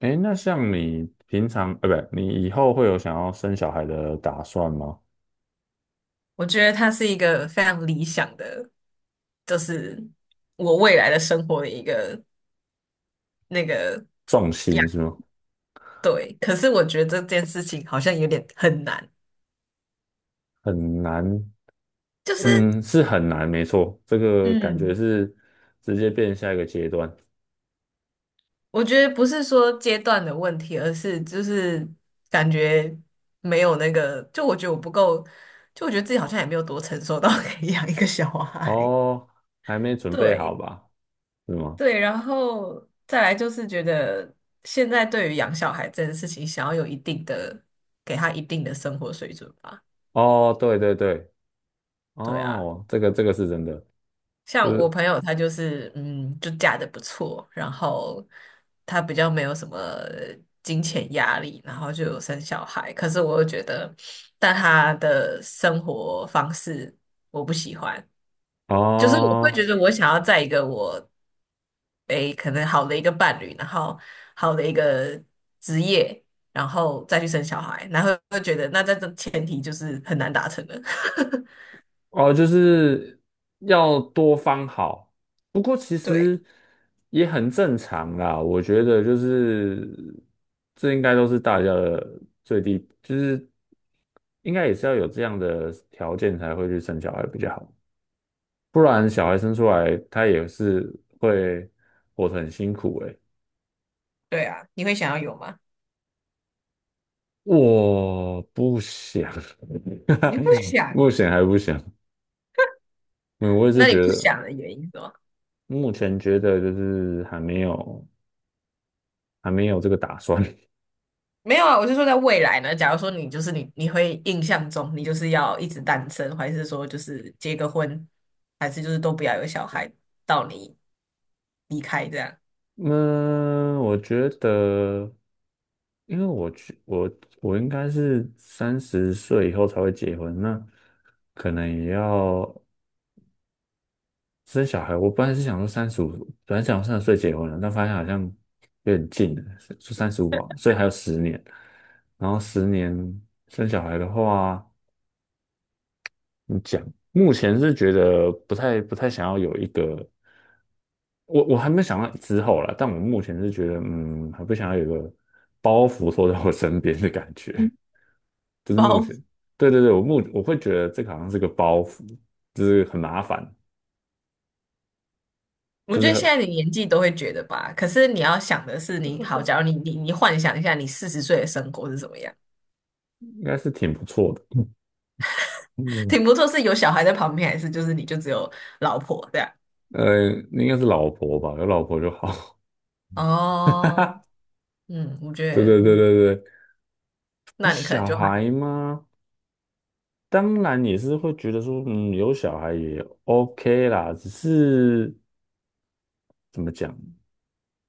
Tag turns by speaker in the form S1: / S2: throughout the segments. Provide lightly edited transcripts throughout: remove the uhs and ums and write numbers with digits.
S1: 哎，那像你平常，不，你以后会有想要生小孩的打算吗？
S2: 我觉得他是一个非常理想的，就是我未来的生活的一个那个
S1: 重
S2: 样。
S1: 心是吗？
S2: 对，可是我觉得这件事情好像有点很难，
S1: 很难，
S2: 就是
S1: 嗯，是很难，没错，这个感觉
S2: 嗯，
S1: 是直接变下一个阶段。
S2: 我觉得不是说阶段的问题，而是就是感觉没有那个，就我觉得我不够，就我觉得自己好像也没有多成熟到 可以养一个小孩。
S1: 哦，还没准备好
S2: 对，
S1: 吧？是吗？
S2: 对，然后再来就是觉得现在对于养小孩这件事情，想要有一定的，给他一定的生活水准吧。
S1: 哦，对对对，
S2: 对啊，
S1: 哦，这个是真的，就
S2: 像我
S1: 是
S2: 朋友他就是，就嫁得不错，然后他比较没有什么金钱压力，然后就有生小孩。可是我又觉得，但他的生活方式我不喜欢，就是我会
S1: 哦。
S2: 觉得我想要在一个我诶可能好的一个伴侣，然后好的一个职业，然后再去生小孩，然后会觉得那在这前提就是很难达成的。
S1: 哦，就是要多方好，不过其
S2: 对
S1: 实也很正常啦。我觉得就是这应该都是大家的最低，就是应该也是要有这样的条件才会去生小孩比较好，不然小孩生出来他也是会活得很辛苦诶。
S2: 对啊，你会想要有吗？
S1: 我不想，
S2: 你不 想？
S1: 目前还不想。嗯，我也是
S2: 那你
S1: 觉
S2: 不
S1: 得，
S2: 想的原因是吗？
S1: 目前觉得就是还没有。还没有这个打算。
S2: 没有啊，我是说在未来呢。假如说你就是你，你会印象中你就是要一直单身，还是说就是结个婚，还是就是都不要有小孩，到你离开这样？
S1: 嗯，我觉得，因为我去，我应该是三十岁以后才会结婚，那可能也要生小孩。我本来是想说三十五，本来想三十岁结婚的，但发现好像有点近了，就三十五啊，所以还有十年。然后十年生小孩的话。你讲，目前是觉得不太想要有一个，我还没想到之后啦，但我目前是觉得，还不想要有一个包袱坐在我身边的感觉，就是目前，
S2: 包
S1: 对对对，我会觉得这个好像是个包袱，就是很麻烦，
S2: 我
S1: 就
S2: 觉
S1: 是
S2: 得现
S1: 很
S2: 在的年纪都会觉得吧，可是你要想的是你，好，假如你幻想一下，你40岁的生活是怎么样？
S1: 应该是挺不错的，嗯，
S2: 挺不错，是有小孩在旁边，还是就是你就只有老婆这样？
S1: 应该是老婆吧，有老婆就好，
S2: 哦，我觉
S1: 对
S2: 得，
S1: 对对对对，有
S2: 那你可能
S1: 小
S2: 就还
S1: 孩吗？当然也是会觉得说，嗯，有小孩也 OK 啦，只是怎么讲？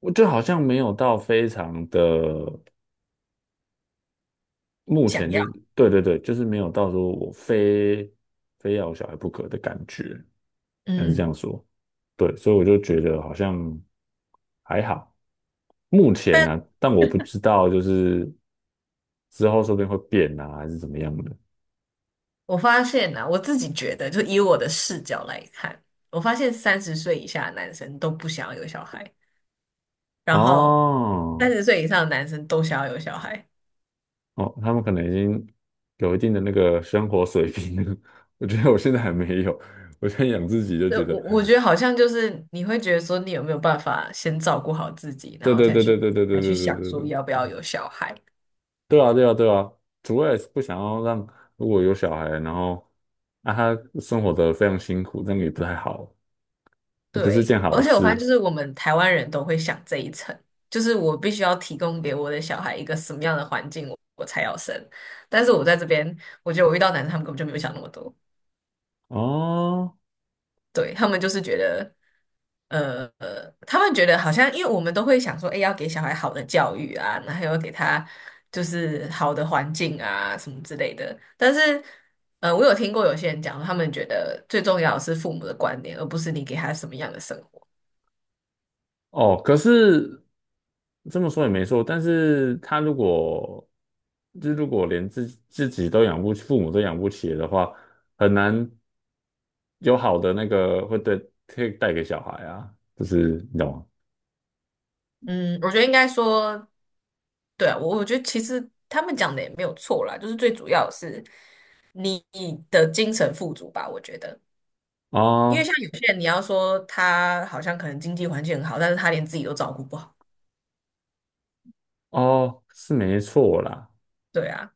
S1: 我就好像没有到非常的，目
S2: 想
S1: 前就
S2: 要，
S1: 是对对对，就是没有到说我非要有小孩不可的感觉，还是这样
S2: 嗯，
S1: 说。对，所以我就觉得好像还好，目前呢、啊
S2: 但
S1: 但我不知道就是之后说不定会变啊，还是怎么样的。
S2: 我发现啊，我自己觉得，就以我的视角来看，我发现三十岁以下的男生都不想要有小孩，然后三
S1: 哦
S2: 十岁以上的男生都想要有小孩。
S1: 哦，他们可能已经有一定的那个生活水平了。我觉得我现在还没有，我现在养自己就
S2: 对，
S1: 觉得
S2: 我觉得好像就是你会觉得说，你有没有办法先照顾好自己，然
S1: 对
S2: 后
S1: 对
S2: 才
S1: 对对
S2: 去
S1: 对对对
S2: 才去
S1: 对对
S2: 想
S1: 对
S2: 说
S1: 对，
S2: 要不要有小孩。
S1: 对啊对啊对啊，主要也是不想要让如果有小孩，然后啊他生活的非常辛苦，那样也不太好，也不是
S2: 对，
S1: 件好
S2: 而且我发现
S1: 事
S2: 就是我们台湾人都会想这一层，就是我必须要提供给我的小孩一个什么样的环境，我才要生。但是我在这边，我觉得我遇到男生，他们根本就没有想那么多。
S1: 哦
S2: 对，他们就是觉得，他们觉得好像，因为我们都会想说，哎，要给小孩好的教育啊，然后要给他就是好的环境啊，什么之类的。但是，我有听过有些人讲，他们觉得最重要的是父母的观念，而不是你给他什么样的生活。
S1: 哦。可是这么说也没错，但是他如果就如果连自己都养不起，父母都养不起的话，很难有好的那个会对可以带给小孩啊，就是你懂吗？
S2: 嗯，我觉得应该说，对啊，我觉得其实他们讲的也没有错啦，就是最主要的是你的精神富足吧，我觉得。因为
S1: 啊
S2: 像有些人，你要说他好像可能经济环境很好，但是他连自己都照顾不好。
S1: 哦，是没错啦。
S2: 对啊，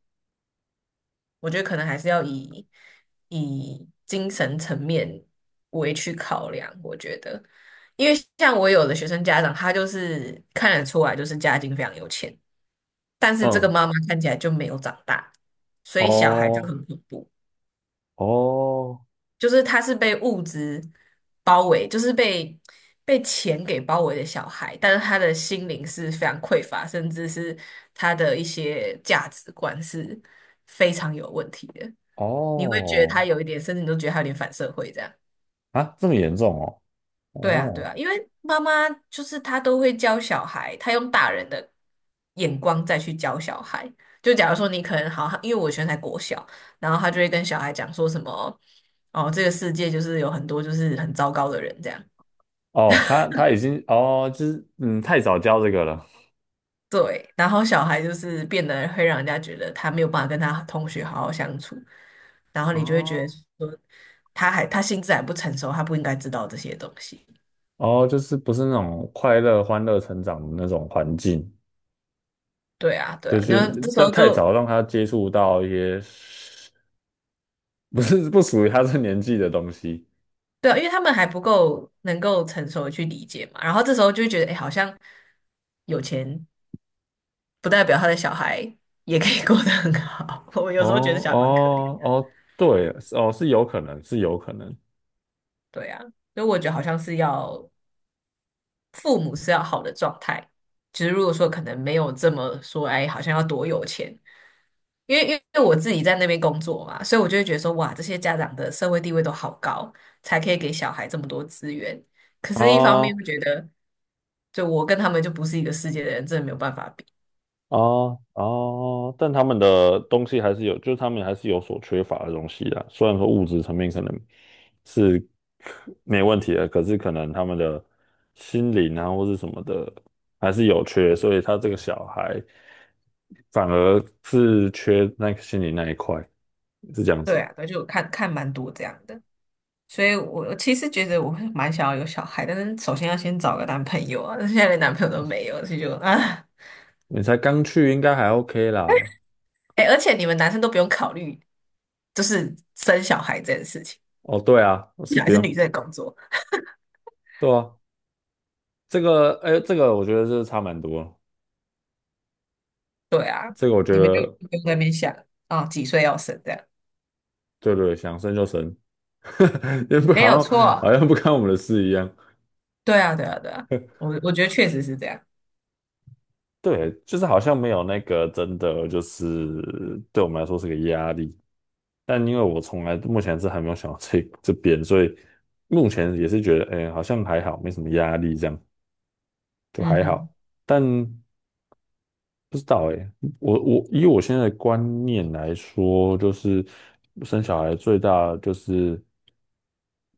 S2: 我觉得可能还是要以精神层面为去考量。我觉得，因为像我有的学生家长，他就是看得出来就是家境非常有钱，但是这个
S1: 嗯，
S2: 妈妈看起来就没有长大，所以小孩就
S1: 哦，
S2: 很恐怖。
S1: 哦，
S2: 就是他是被物质包围，就是被钱给包围的小孩，但是他的心灵是非常匮乏，甚至是他的一些价值观是非常有问题的。你会觉得
S1: 哦，
S2: 他有一点，甚至你都觉得他有点反社会这样。
S1: 啊，这么严重
S2: 对啊，对
S1: 哦，
S2: 啊，因为妈妈就是她都会教小孩，她用大人的眼光再去教小孩。就假如说你可能好，因为我以前在才国小，然后她就会跟小孩讲说什么，哦，这个世界就是有很多就是很糟糕的人这样。
S1: 哦，哦，他已经，哦，就是太早教这个了，
S2: 对，然后小孩就是变得会让人家觉得他没有办法跟他同学好好相处，然后你就会觉得
S1: 哦，
S2: 说他还他心智还不成熟，他不应该知道这些东西。
S1: 哦，就是不是那种快乐、欢乐成长的那种环境，
S2: 对啊，对
S1: 对，
S2: 啊，
S1: 就
S2: 那后这时
S1: 太
S2: 候
S1: 太早
S2: 就
S1: 让他接触到一些不是不属于他这年纪的东西，
S2: 对啊，因为他们还不够能够成熟的去理解嘛，然后这时候就会觉得，哎，好像有钱不代表他的小孩也可以过得很好。我有
S1: 哦，
S2: 时候觉得小孩蛮可怜的
S1: 哦，哦，对，哦，是有可能，是有可能。
S2: 对啊，所以我觉得好像是要父母是要好的状态，就是如果说可能没有这么说，哎，好像要多有钱，因为我自己在那边工作嘛，所以我就会觉得说，哇，这些家长的社会地位都好高，才可以给小孩这么多资源。可是，一方面
S1: 哦
S2: 会觉得，就我跟他们就不是一个世界的人，真的没有办法比。
S1: 哦哦，但他们的东西还是有，就是他们还是有所缺乏的东西啦。虽然说物质层面可能是可没问题的，可是可能他们的心灵啊或是什么的还是有缺，所以他这个小孩反而是缺那个心理那一块，是这样
S2: 对
S1: 子。
S2: 啊，对，就我看看蛮多这样的，所以我其实觉得我会蛮想要有小孩，但是首先要先找个男朋友啊，但是现在连男朋友都没有，所以就啊。
S1: 你才刚去，应该还 OK 啦。
S2: 哎，而且你们男生都不用考虑，就是生小孩这件事情，
S1: 哦，对啊，是
S2: 小
S1: 不
S2: 孩是女
S1: 用，
S2: 生的工作。
S1: 对啊，这个，哎，这个我觉得是差蛮多了
S2: 对啊，
S1: 这个我觉
S2: 你们就
S1: 得
S2: 不用在那边想啊，几岁要生这样，
S1: 对对，想生就生，也不
S2: 没有
S1: 好像
S2: 错。
S1: 好像不干我们的事一样。
S2: 对啊，对啊，对啊，我觉得确实是这样。
S1: 对，就是好像没有那个真的，就是对我们来说是个压力。但因为我从来目前是还没有想到这 这边，所以目前也是觉得，哎、好像还好，没什么压力，这样就
S2: 嗯
S1: 还
S2: 哼，
S1: 好。但不知道诶，我以我现在的观念来说，就是生小孩最大就是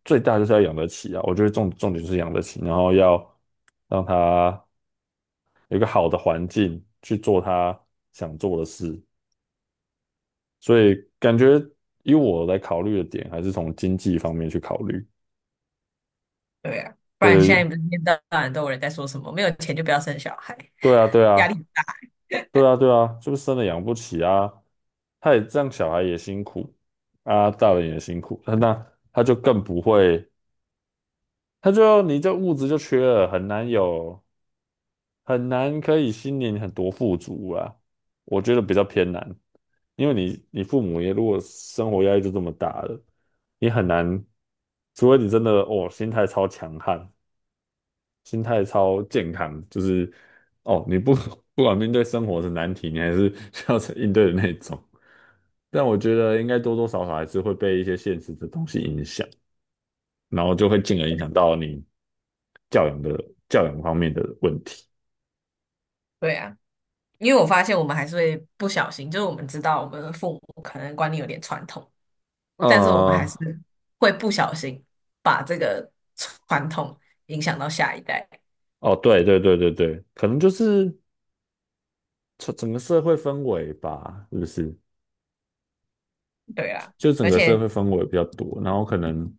S1: 最大就是要养得起啊。我觉得重点就是养得起，然后要让他有一个好的环境去做他想做的事。所以感觉以我来考虑的点，还是从经济方面去考虑。
S2: 对啊，不然
S1: 对
S2: 现在
S1: 对
S2: 不是一天到晚都有人在说什么没有钱就不要生小孩，
S1: 对啊，对
S2: 压力
S1: 啊，
S2: 很
S1: 对啊，对啊，就是生了养不起啊。他也这样，小孩也辛苦啊，大人也辛苦，那他就更不会，他就你这物质就缺了，很难有，很难可以心灵很多富足啊。我觉得比较偏难，因为你父母也如果生活压力就这么大了，你很难，除非你真的哦心态超强悍，心态超健康，就是哦，你不 不管面对生活的难题，你还是 需要应对的那种。但我觉得应该多多少少还是会被一些现实的东西影响，然后就会进而影响到你教养的教养方面的问题。
S2: 对啊，因为我发现我们还是会不小心，就是我们知道我们的父母可能观念有点传统，但是我们还
S1: 呃，
S2: 是会不小心把这个传统影响到下一代。
S1: 哦，对对对对对，可能就是整个社会氛围吧，是不是？
S2: 对啦，
S1: 就整
S2: 而
S1: 个社
S2: 且
S1: 会氛围比较多，然后可能，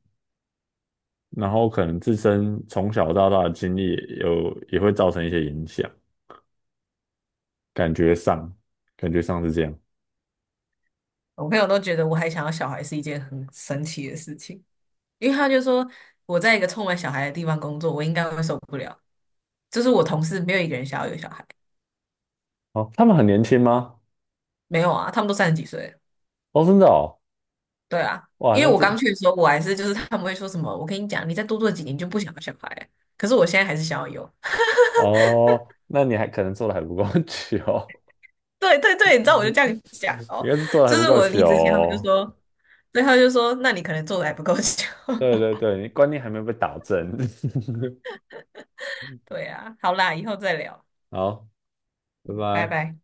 S1: 然后可能自身从小到大的经历也有也会造成一些影响。感觉上，感觉上是这样。
S2: 我朋友都觉得我还想要小孩是一件很神奇的事情，因为他就说我在一个充满小孩的地方工作，我应该会受不了。就是我同事没有一个人想要有小孩，
S1: 哦，他们很年轻吗？
S2: 没有啊，他们都30几岁了
S1: 哦，真的哦，
S2: 对啊，
S1: 哇，
S2: 因
S1: 那
S2: 为我
S1: 这
S2: 刚去的时候，我还是就是他们会说什么，我跟你讲，你再多做几年就不想要小孩了，可是我现在还是想要有。
S1: 哦，那你还可能做的还不够 久，
S2: 对对对，你知道我就这样讲
S1: 应
S2: 哦，
S1: 该是做的还
S2: 就
S1: 不
S2: 是
S1: 够
S2: 我离
S1: 久
S2: 职前他们就
S1: 哦。
S2: 说，对，他们就说，那你可能做的还不够久。
S1: 对对 对，你观念还没有被打正。
S2: 对啊，好啦，以后再聊，
S1: 好，拜
S2: 拜
S1: 拜。
S2: 拜。